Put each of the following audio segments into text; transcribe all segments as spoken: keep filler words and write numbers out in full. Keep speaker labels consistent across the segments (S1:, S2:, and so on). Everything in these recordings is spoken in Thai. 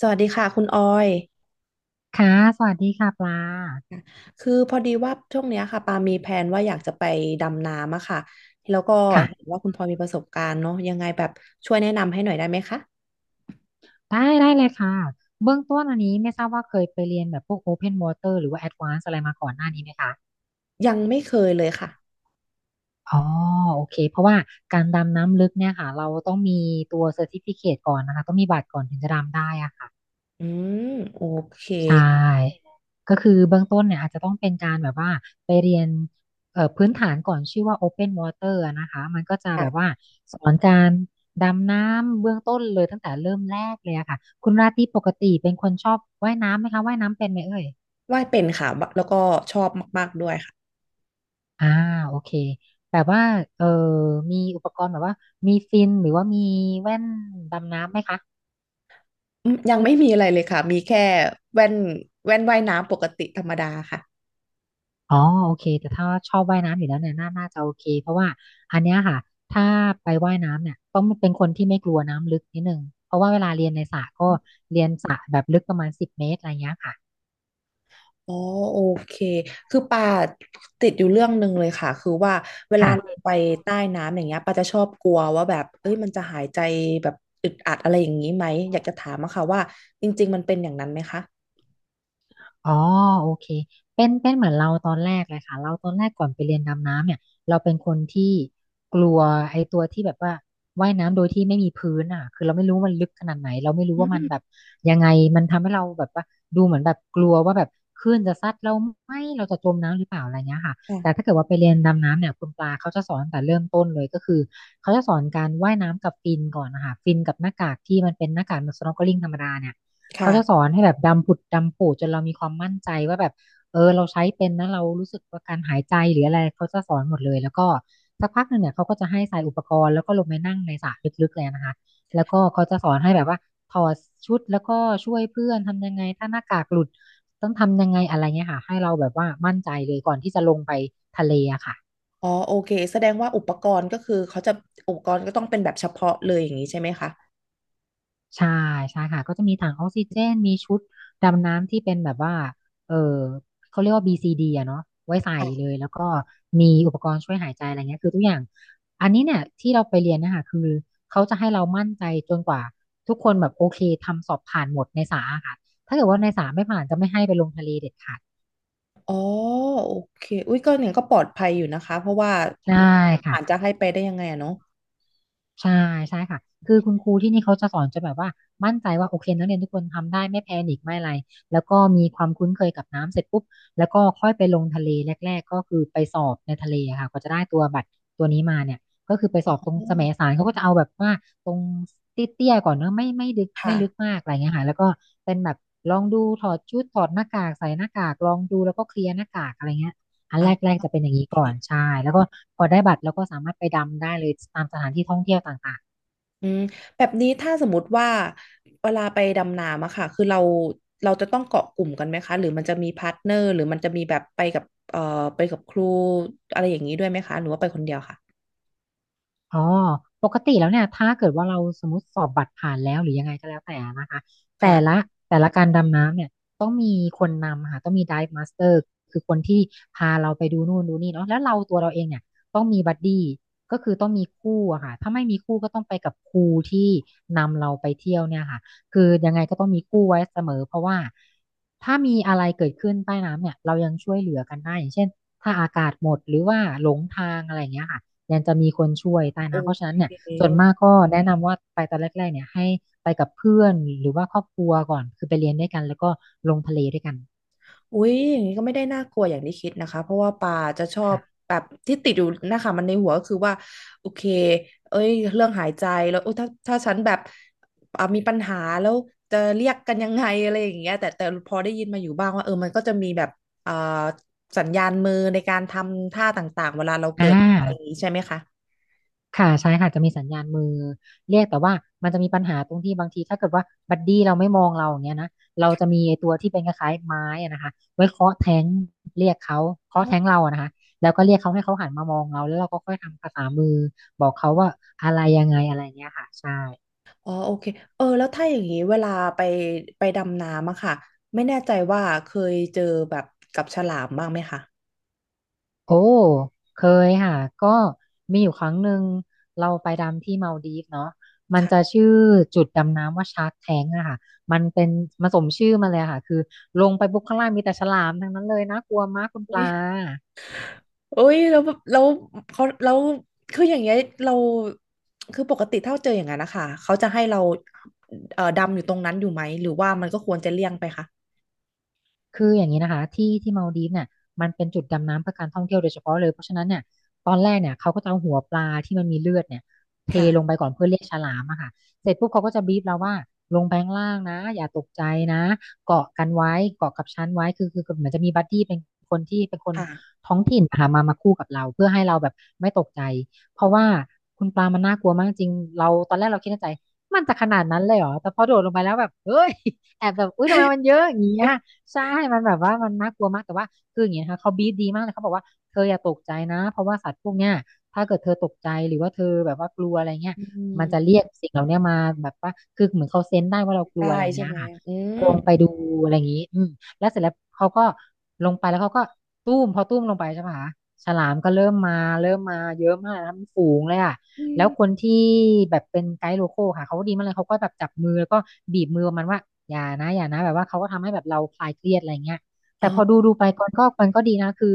S1: สวัสดีค่ะคุณออย
S2: ค่ะ สวัสดีค่ะปลา
S1: คือพอดีว่าช่วงเนี้ยค่ะปามีแผนว่าอยากจะไปดำน้ำอะค่ะแล้วก็
S2: ค่ะ
S1: เห็นว่าคุณพลอยมีประสบการณ์เนาะยังไงแบบช่วยแนะนำให้หน่อยได้ไหมคะ
S2: ได้ ได้เลยค่ะ เบื้องต้นอันนี้ไม่ทราบว่าเคยไปเรียนแบบพวก Open Water หรือว่า Advanced อะไรมาก่อนหน้านี้ไหมคะ
S1: ยังไม่เคยเลยค่ะ
S2: อ๋อ โอเค เพราะว่าการดำน้ำลึกเนี่ยค่ะ เราต้องมีตัว Certificate ก่อนนะคะ ต้องมีบัตรก่อนถึงจะดำได้อะค่ะ
S1: อืมโอเค
S2: ใช่ ก็คือเบื้องต้นเนี่ยอาจจะต้องเป็นการแบบว่าไปเรียนเอ่อพื้นฐานก่อนชื่อว่า Open Water อะนะคะ มันก็จะแบ
S1: ค่ะ
S2: บว่าสอนการดำน้ำเบื้องต้นเลยตั้งแต่เริ่มแรกเลยอะค่ะ คุณราตรีปกติเป็นคนชอบว่ายน้ำไหมคะว่ายน้ำเป็นไหมเอ่ย
S1: ว่ายเป็นค่ะแล้วก็ชอบมากๆด้วยค่ะ
S2: อ่าโอเคแบบว่าเออมีอุปกรณ์แบบว่ามีฟินหรือว่ามีแว่นดำน้ำไหมคะ
S1: อืมยังไม่มีอะไรเลยค่ะมีแค่แว่นแว่นว่ายน้ำปกติธรรมดาค่ะ
S2: อ๋อโอเคแต่ถ้าชอบว่ายน้ำอยู่แล้วเนี่ยน่าน่าจะโอเคเพราะว่าอันเนี้ยค่ะถ้าไปว่ายน้ำเนี่ยต้องเป็นคนที่ไม่กลัวน้ำลึกนิดนึงเพราะว่าเวลาเรียนในสระก็เรียน
S1: อ๋อโอเคคือปาติดอยู่เรื่องหนึ่งเลยค่ะคือว่าเวลาลง
S2: ค่ะ
S1: ไปใต้น้ำอย่างเงี้ยปาจะชอบกลัวว่าแบบเอ้ยมันจะหายใจแบบอึดอัดอะไรอย่างนี้ไหมอยากจะถามอะค่ะว่าจริงๆมันเป็นอย่างนั้นไหมคะ
S2: อ๋อโอเคเป็นเป็นเหมือนเราตอนแรกเลยค่ะเราตอนแรกก่อนไปเรียนดำน้ำเนี่ยเราเป็นคนที่กลัวไอ้ตัวที่แบบว่าว่ายน้ำโดยที่ไม่มีพื้นอ่ะคือเราไม่รู้มันลึกขนาดไหนเราไม่รู้
S1: อื
S2: ว่ามันแบ
S1: ม
S2: บยังไงมันทำให้เราแบบว่าดูเหมือนแบบกลัวว่าแบบคลื่นจะซัดเราไหมเราจะจมน้ำหรือเปล่าอะไรเงี้ยค่ะแต่
S1: ค่ะ
S2: ถ้าเกิดว่าไปเรียนดำน้ำเนี่ยคุณปลาเขาจะสอนตั้งแต่เริ่มต้นเลยก็คือเขาจะสอนการว่ายน้ำกับฟินก่อนนะคะฟินกับหน้ากากที่มันเป็นหน้ากาก snorkeling ธรรมดาเนี่ย เขา
S1: ค่ะ
S2: จะสอนให้แบบดำผุดดำปูดจนเรามีความมั่นใจว่าแบบเออเราใช้เป็นนะเรารู้สึกว่าการหายใจหรืออะไรเขาจะสอนหมดเลยแล้วก็สักพักหนึ่งเนี่ยเขาก็จะให้ใส่อุปกรณ์แล้วก็ลงไปนั่งในสระลึกๆเลยนะคะแล้วก็เขาจะสอนให้แบบว่าถอดชุดแล้วก็ช่วยเพื่อนทำยังไงถ้าหน้ากากหลุดต้องทำยังไงอะไรเงี้ยค่ะให้เราแบบว่ามั่นใจเลยก่อนที่จะลงไปทะเลอะค่ะ
S1: อ๋อโอเคแสดงว่าอุปกรณ์ก็คือเขาจะอุปกรณ์ก็ต้องเป็นแบบเฉพาะเลยอย่างนี้ใช่ไหมคะ
S2: ใช่ใช่ค่ะก็จะมีถังออกซิเจนมีชุดดำน้ำที่เป็นแบบว่าเออเขาเรียกว่า บี ซี ดี อะเนาะไว้ใส่เลยแล้วก็มีอุปกรณ์ช่วยหายใจอะไรเงี้ยคือทุกอย่างอันนี้เนี่ยที่เราไปเรียนนะคะคือเขาจะให้เรามั่นใจจนกว่าทุกคนแบบโอเคทำสอบผ่านหมดในสาอะค่ะถ้าเกิดว่าในสาไม่ผ่านจะไม่ให้ไปลงทะเลเด็ดขาด
S1: อ๋อโอเคอุ้ยก็เนี่ยก็ปลอดภัยอยู่นะคะเพราะว่า
S2: ได้ค่ะ
S1: อาจจะให้ไปได้ยังไงอะเนาะ
S2: ใช่ใช่ค่ะคือคุณครูที่นี่เขาจะสอนจนแบบว่ามั่นใจว่าโอเคนักเรียนทุกคนทำได้ไม่แพนิคไม่อะไรแล้วก็มีความคุ้นเคยกับน้ำเสร็จปุ๊บแล้วก็ค่อยไปลงทะเลแรกๆก็คือไปสอบในทะเลอะค่ะกว่าจะได้ตัวบัตรตัวนี้มาเนี่ยก็คือไปส
S1: อ๋
S2: อบตรง
S1: อ
S2: แสมสารเขาก็จะเอาแบบว่าตรงเตี้ยๆก่อนเนอะไม่ไม่ลึกไม่
S1: ค่ะ
S2: ลึกมากอะไรเงี้ยค่ะแล้วก็เป็นแบบลองดูถอดชุดถอดหน้ากากใส่หน้ากากลองดูแล้วก็เคลียร์หน้ากากอะไรเงี้ย อัน
S1: อ่ะ
S2: แรกๆจะเป็นอย่างนี้
S1: โอ
S2: ก่อนใช่
S1: เค
S2: แล้วก็พอได้บัตรแล้วก็สามารถไปดำได้เลยตามสถานที่ท่องเที่ยวต่าง
S1: อืมแบบนี้ถ้าสมมติว่าเวลาไปดำน้ำอะค่ะคือเราเราจะต้องเกาะกลุ่มกันไหมคะหรือมันจะมีพาร์ทเนอร์หรือมันจะมีแบบไปกับเอ่อไปกับครูอะไรอย่างนี้ด้วยไหมคะหรือว่าไปคนเดียวค่ะ
S2: อ๋อปกติแล้วเนี่ยถ้าเกิดว่าเราสมมติสอบบัตรผ่านแล้วหรือยังไงก็แล้วแต่นะคะแต่ละ
S1: ค่ะ
S2: แต่ละการดำน้ำเนี่ยต้องมีคนนำค่ะต้องมี dive master คือคนที่พาเราไปดูนู่นดูนี่เนาะแล้วเราตัวเราเองเนี่ยต้องมีบัดดี้ก็คือต้องมีคู่อะค่ะถ้าไม่มีคู่ก็ต้องไปกับครูที่นำเราไปเที่ยวเนี่ยค่ะคือยังไงก็ต้องมีคู่ไว้เสมอเพราะว่าถ้ามีอะไรเกิดขึ้นใต้น้ำเนี่ยเรายังช่วยเหลือกันได้อย่างเช่นถ้าอากาศหมดหรือว่าหลงทางอะไรอย่างเงี้ยค่ะ ยังจะมีคนช่วยใต้
S1: โอ
S2: น้ำเพราะฉะนั้น
S1: เค
S2: เนี่ยส่วนมากก็แนะนำว่าไปตอนแรกๆเนี่ยให้ไปกับเพื่อนหรือว่าครอบครัวก่อนคือไปเรียนด้วยกันแล้วก็ลงทะเลด้วยกัน
S1: อุ้ยอย่างนี้ก็ไม่ได้น่ากลัวอย่างที่คิดนะคะเพราะว่าปาจะชอบ
S2: ค่ะ
S1: แบบที่ติดอยู่นะคะมันในหัวก็คือว่าโอเคเอ้ยเรื่องหายใจแล้วอุ๊ยถ้าถ้าฉันแบบอ่ะมีปัญหาแล้วจะเรียกกันยังไงอะไรอย่างเงี้ยแต่แต่พอได้ยินมาอยู่บ้างว่าเออมันก็จะมีแบบอ่าสัญญาณมือในการทำท่าต่างๆเวลาเรา
S2: อ่
S1: เกิดอะไรอย่าง
S2: า
S1: นี้ใช่ไหมคะ
S2: ค่ะใช่ค่ะจะมีสัญญาณมือเรียกแต่ว่ามันจะมีปัญหาตรงที่บางทีถ้าเกิดว่าบัดดี้เราไม่มองเราอย่างเงี้ยนะเราจะมีไอ้ตัวที่เป็นคล้ายๆไม้อะนะคะไว้เคาะแท้งเรียกเขาเคาะแท้งเราอะนะคะแล้วก็เรียกเขาให้เขาหันมามองเราแล้วเราก็ค่อยทำภาษามือบอกเขาว่าอะไรยังไงอะไรเงี้ยค่ะใช่
S1: อ๋อโอเคเออแล้วถ้าอย่างนี้เวลาไปไปดำน้ำอะค่ะไม่แน่ใจว่าเคยเจอแบบกับฉลามบ้างไหมคะ
S2: โอ้เคยค่ะก็มีอยู่ครั้งหนึ่งเราไปดำที่มาลดีฟเนาะมันจะ
S1: ค่ะ
S2: ชื่อจุดดำน้ำว่าชาร์กแทงอะค่ะมันเป็นมาสมชื่อมาเลยอะค่ะคือลงไปปุ๊บข้างล่างมีแต่ฉลามทั้งนั้นเลยน่ากลัวมากคุณปลา
S1: โอ้ยแล้วแบบแล้วเขาแล้วคืออย่างเงี้ยเราคือปกติถ้าเจออย่างนั้นนะคะเขาจะให้เราเอ่อดำอยู่ตรงนั้นอยู่ไหมหรือว่ามันก็ควรจะเลี่ยงไปคะ
S2: คืออย่างนี้นะคะที่ที่มาลดีฟเนี่ยมันเป็นจุดดำน้ำเพื่อการท่องเที่ยวโดยเฉพาะเลยเพราะฉะนั้นเนี่ยตอนแรกเนี่ยเขาก็จะเอาหัวปลาที่มันมีเลือดเนี่ยเทลง
S1: ค่ะ
S2: ไปก่อนเพื่อเรียกฉลามอะค่ะเสร็จปุ๊บเขาก็จะบีบเราว่าลงไปข้างล่างนะอย่าตกใจนะเกาะกันไว้เกาะกับชั้นไว้คือคือคือเหมือนจะมีบัดดี้เป็นคนที่เป็นคน
S1: ค่ะ
S2: ท้องถิ่นหามามาคู่กับเราเพื่อให้เราแบบไม่ตกใจเพราะว่าคุณปลามันน่ากลัวมากจริงเราตอนแรกเราคิดในใจมันจะขนาดนั้นเลยเหรอแต่พอโดดลงไปแล้วแบบเฮ้ยแอบแบบอุ้ยทำไมมันเยอะอย่างเงี้ย ใช่มันแบบว่ามันน่ากลัวมากแต่ว่าคืออย่างเงี้ยนะคะเขาบีบดีมากเลยเขาบอกว่าเธออย่าตกใจนะเพราะว่าสัตว์พวกเนี้ยถ้าเกิดเธอตกใจหรือว่าเธอแบบว่ากลัวอะไรเงี้ย
S1: อื
S2: มันจะเรี
S1: ม
S2: ยกสิ่งเหล่าเนี้ยมาแบบว่าคือเหมือนเขาเซนส์ได้ว่าเรากลั
S1: ได้
S2: วอะไร
S1: ใช่
S2: เงี้ย
S1: ไหม
S2: ค่ะ
S1: อืม
S2: ลงไปดูอะไรอย่างงี้อืมแล้วเสร็จแล้วเขาก็ลงไปแล้วเขาก็ตุ้มพอตุ้มลงไปใช่ปะคะฉลามก็เริ่มมาเริ่มมาเยอะมากนะคะปนฝูงเลยอ่ะ
S1: อื
S2: แล้
S1: ม
S2: วคนที่แบบเป็นไกด์โลคอลค่ะเขาก็ดีมากเลยเขาก็แบบจับมือแล้วก็บีบมือประมาณว่าอย่านะอย่านะแบบว่าเขาก็ทำให้แบบเราคลายเครียดอะไรเงี้ย
S1: อ๋อ
S2: แต่พอดูดูไปก่อนก็มันก็ดีนะคือ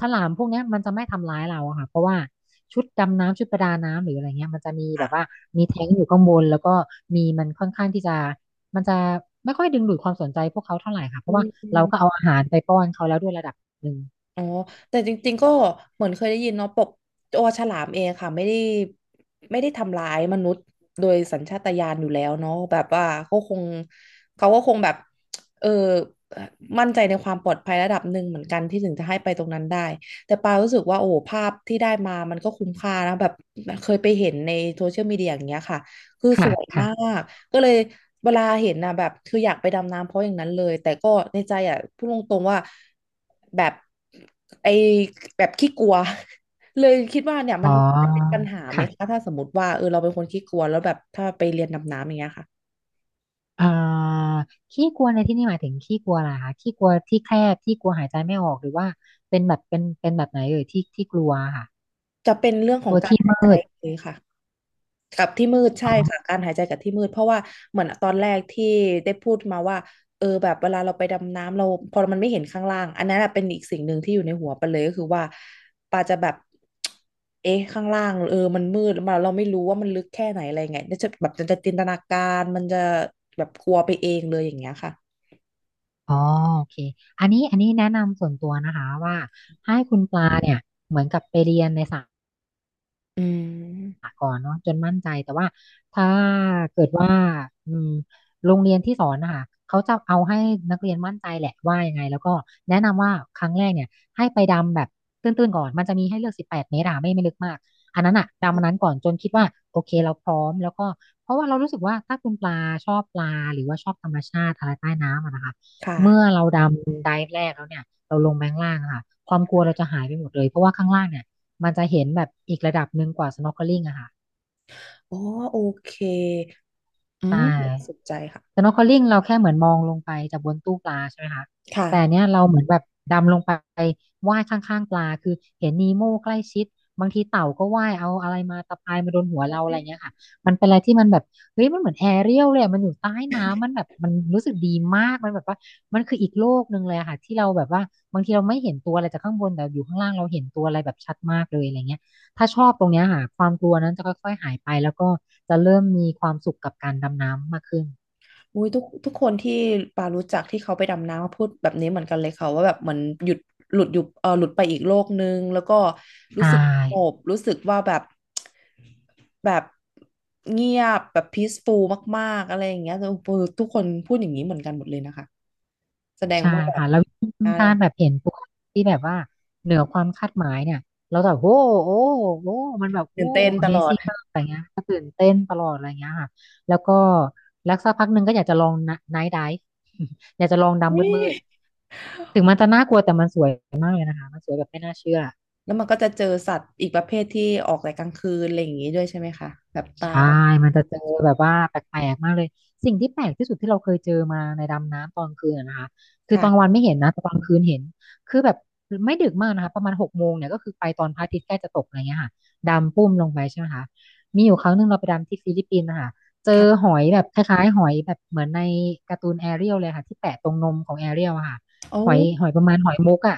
S2: ฉลามพวกเนี้ยมันจะไม่ทำร้ายเราอะค่ะเพราะว่าชุดดำน้ำชุดประดาน้ำหรืออะไรเงี้ยมันจะมีแบบว่า
S1: ค่ะ
S2: มีแท้งอยู่ข้างบนแล้วก็มีมันค่อนข้างที่จะมันจะไม่ค่อยดึงดูดความสนใจพวกเขาเท่าไหร่ค่ะเพ
S1: อื
S2: ราะว่าเราก็
S1: ม
S2: เอาอาหารไปป้อนเขาแล้วด้วยระดับหนึ่ง
S1: อ๋อแต่จริงๆก็เหมือนเคยได้ยินเนาะปกตัวฉลามเองค่ะไม่ได้ไม่ได้ทำร้ายมนุษย์โดยสัญชาตญาณอยู่แล้วเนาะแบบว่าเขาคงเขาก็คงแบบเออมั่นใจในความปลอดภัยระดับหนึ่งเหมือนกันที่ถึงจะให้ไปตรงนั้นได้แต่ปารู้สึกว่าโอ้โหภาพที่ได้มามันก็คุ้มค่านะแบบเคยไปเห็นในโซเชียลมีเดียอย่างเงี้ยค่ะคือส
S2: ค่ะ
S1: วย
S2: ค่ะ
S1: มาก ก็เลยเวลาเห็นนะแบบคืออยากไปดำน้ำเพราะอย่างนั้นเลยแต่ก็ในใจอ่ะพูดตรงๆว่าแบบไอแบบขี้กลัว เลยคิดว่าเนี่ย
S2: อ๋
S1: มันจะเป็น
S2: อ
S1: ปัญหาไหมคะ
S2: ค่ะ
S1: ถ้าสมมติว่าเออเราเป็นคนขี้กลัวแล้วแบบถ้าไปเรียนดำน้ำอย่างเงี้ยค่ะ
S2: อ่าขี้กลัวในที่นี่หมายถึงขี้กลัวอะไรคะขี้กลัวที่แคบที่กลัวหายใจไม่ออกหรือว่าเป็นแบบเป็นเป็นแบบไหนเอ่ยที่ที่กลัวค่ะ
S1: จะเป็นเรื่องของการหายใจเลยค่ะ กับที่มืดใช่ค่ะการหายใจกับที่มืดเพราะว่าเหมือนตอนแรกที่ได้พูดมาว่าเออแบบเวลาเราไปดำน้ำเราพอมันไม่เห็นข้างล่างอันนั้นอะเป็นอีกสิ่งหนึ่งที่อยู่ในหัวไปาเลยก็คือว่าปาจะแบบเอ๊ะข้างล่างเออมันมืดมาเราไม่รู้ว่ามันลึกแค่ไหนอะไรไงเนี่ยจะแบบจะจินตนาการมันจะแบบกลัวไปเองเลยอย่างเงี้ยค่ะ
S2: อ๋อโอเคอันนี้อันนี้แนะนำส่วนตัวนะคะว่าให้คุณปลาเนี่ยเหมือนกับไปเรียนในสา
S1: อืม
S2: ก่อนเนาะจนมั่นใจแต่ว่าถ้าเกิดว่าอืมโรงเรียนที่สอนนะคะเขาจะเอาให้นักเรียนมั่นใจแหละว่ายังไงแล้วก็แนะนำว่าครั้งแรกเนี่ยให้ไปดำแบบตื้นๆก่อนมันจะมีให้เลือกสิบแปดเมตรอะไม่ไม่ลึกมากอันนั้นอะดำอันนั้นก่อนจนคิดว่าโอเคเราพร้อมแล้วก็เพราะว่าเรารู้สึกว่าถ้าคุณปลาชอบปลาหรือว่าชอบธรรมชาติอะไรใต้น้ำอะนะคะ
S1: ค
S2: เมื่อ
S1: ่ะ
S2: เราดำไดฟ์แรกแล้วเนี่ยเราลงไปข้างล่างอะค่ะความกลัวเราจะหายไปหมดเลยเพราะว่าข้างล่างเนี่ย มันจะเห็นแบบอีกระดับหนึ่งกว่า snorkeling อะค่ะ
S1: อ๋อโอเคอื
S2: ใช่
S1: ม่าสนใจค่ะ
S2: snorkeling เราแค่เหมือนมองลงไปจากบนตู้ปลาใช่ไหมคะ
S1: ค่ะ
S2: แต่เนี้ยเราเหมือนแบบดำลงไปว่ายข้างๆปลาคือเห็นนีโม่ใกล้ชิดบางทีเต่าก็ว่ายเอาอะไรมาตะปายมาโดนหัวเราอะไรเงี้ยค่ะมันเป็นอะไรที่มันแบบเฮ้ยมันเหมือนแอเรียลเลยอะมันอยู่ใต้น้ำมันแบบมันรู้สึกดีมากมันแบบว่ามันคืออีกโลกหนึ่งเลยอะค่ะที่เราแบบว่าบางทีเราไม่เห็นตัวอะไรจากข้างบนแต่อยู่ข้างล่างเราเห็นตัวอะไรแบบชัดมากเลยอะไรเงี้ย ถ้าชอบตรงเนี้ยค่ะความกลัวนั้นจะค่อยๆหายไปแล้วก็จะเริ่มมีความสุขกับการดำน้ำมากขึ้น
S1: อุ้ยทุกทุกคนที่ปารู้จักที่เขาไปดำน้ำพูดแบบนี้เหมือนกันเลยค่ะว่าแบบเหมือนหยุดหลุดอยู่เออหลุดไปอีกโลกนึงแล้วก็รู้
S2: ใช่
S1: สึกสงบรู้สึกว่าแบบแบบเงียบแบบ peaceful มากๆอะไรอย่างเงี้ยเออทุกคนพูดอย่างนี้เหมือนกันหมดเลยนะคะแสดง
S2: ใช่
S1: ว่าแบบ
S2: ค่ะแล้ว
S1: อ่า
S2: การแบบเห็นตูเาที่แบบว่าเหนือความคาดหมายเนี่ยเราจะแบบโอ้โอ้โอ้มันแบบโอ้
S1: ตื่นเต้นตลอด
S2: Amazing มากอะไรเงี้ยก็ตื่นเต้นตลอดอะไรเงี้ยค่ะแล้วก็แล้วสักพักหนึ่งก็อยากจะลองไนท์ไดฟ์ อยากจะลอง
S1: อุ๊
S2: ดำ
S1: ย
S2: มืดๆถึงมันจะน่ากลัวแต่มันสวยมากเลยนะคะมันสวยแบบไม่น่าเชื่อ
S1: แล้วมันก็จะเจอสัตว์อีกประเภทที่ออกแต่กลางคืนอะไรอย่างนี้ด้วยใช่ไหมคะแบบปลา
S2: ใช่
S1: แบบ
S2: มันจะเจอแบบว่าแปลกๆมากเลย สิ่งที่แปลกที่สุดที่เราเคยเจอมาในดำน้ำตอนคืนอะนะคะคือตอนกลาง
S1: ค่ะ
S2: วันไม่เห็นนะแต่ตอนคืนเห็นคือแบบไม่ดึกมากนะคะ ประมาณหกโมงเนี่ยก็คือไปตอนพระอาทิตย์ใกล้จะตกอะไรเงี้ยค่ะดำปุ้มลงไปใช่ไหมคะ มีอยู่ครั้งหนึ่งเราไปดำที่ฟิลิปปินส์นะคะเจอห
S1: ค่ะ
S2: อยแบบคล้ายๆหอยแบบเหมือนในการ์ตูนแอเรียลเลยค่ะที่แปะตรงนมของแอเรียลอะค่ะ
S1: โอ้
S2: หอยหอยประมาณหอยมุกอะ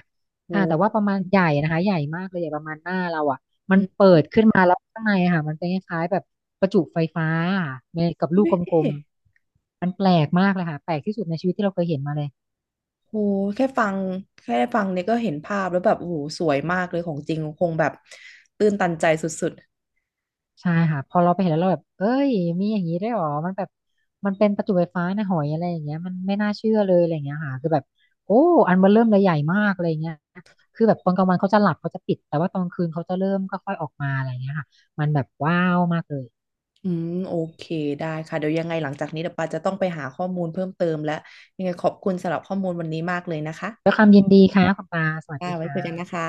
S2: อ่าแต่ว่า
S1: โห
S2: ประมาณใหญ่นะคะใหญ่มากเลยใหญ่ประมาณหน้าเราอะ มัน
S1: อื
S2: เปิดขึ้นมาแล้วข้างในอะค่ะมันเป็นคล้ายๆแบบประจุไฟฟ้าอะในกับลูกกลม
S1: ม
S2: ๆมันแปลกมากเลยค่ะแปลกที่สุดในชีวิตที่เราเคยเห็นมาเลย
S1: โหแค่ฟังแค่ได้ฟังเนี่ยก็เห็นภาพแล้วแบบโอ้โหสวยมากเลยของจริงคงแบบตื้นตันใจสุด
S2: ใช่ค่ะพอเราไปเห็นแล้วเราแบบเอ้ยมีอย่างนี้ได้วยเหรอมันแบบมันเป็นประจุไฟฟ้าในหอยอะไรอย่างเงี้ยมันไม่น่าเชื่อเลยอะไรอย่างเงี้ยค่ะคือแบบโอ้อันมันเริ่มเลยใหญ่มากอะไรอย่างเงี้ยคือแบบตอนกลางวันเขาจะหลับเขาจะปิดแต่ว่าตอนคืนเขาจะเริ่มค่อยๆออกมาอะไรอย่างเงี้ยค่ะมันแบบว้าวมากเลย
S1: ๆอืมโอเคได้ค่ะเดี๋ยวยังไงหลังจากนี้เดี๋ยวปาจะต้องไปหาข้อมูลเพิ่มเติมและยังไงขอบคุณสำหรับข้อมูลวันนี้มากเลยนะคะ
S2: ด้วยความยินดีค่ะคุณปาสวัส
S1: ค่ะ
S2: ดี
S1: ไว้
S2: ค่ะ
S1: คุยกันนะคะ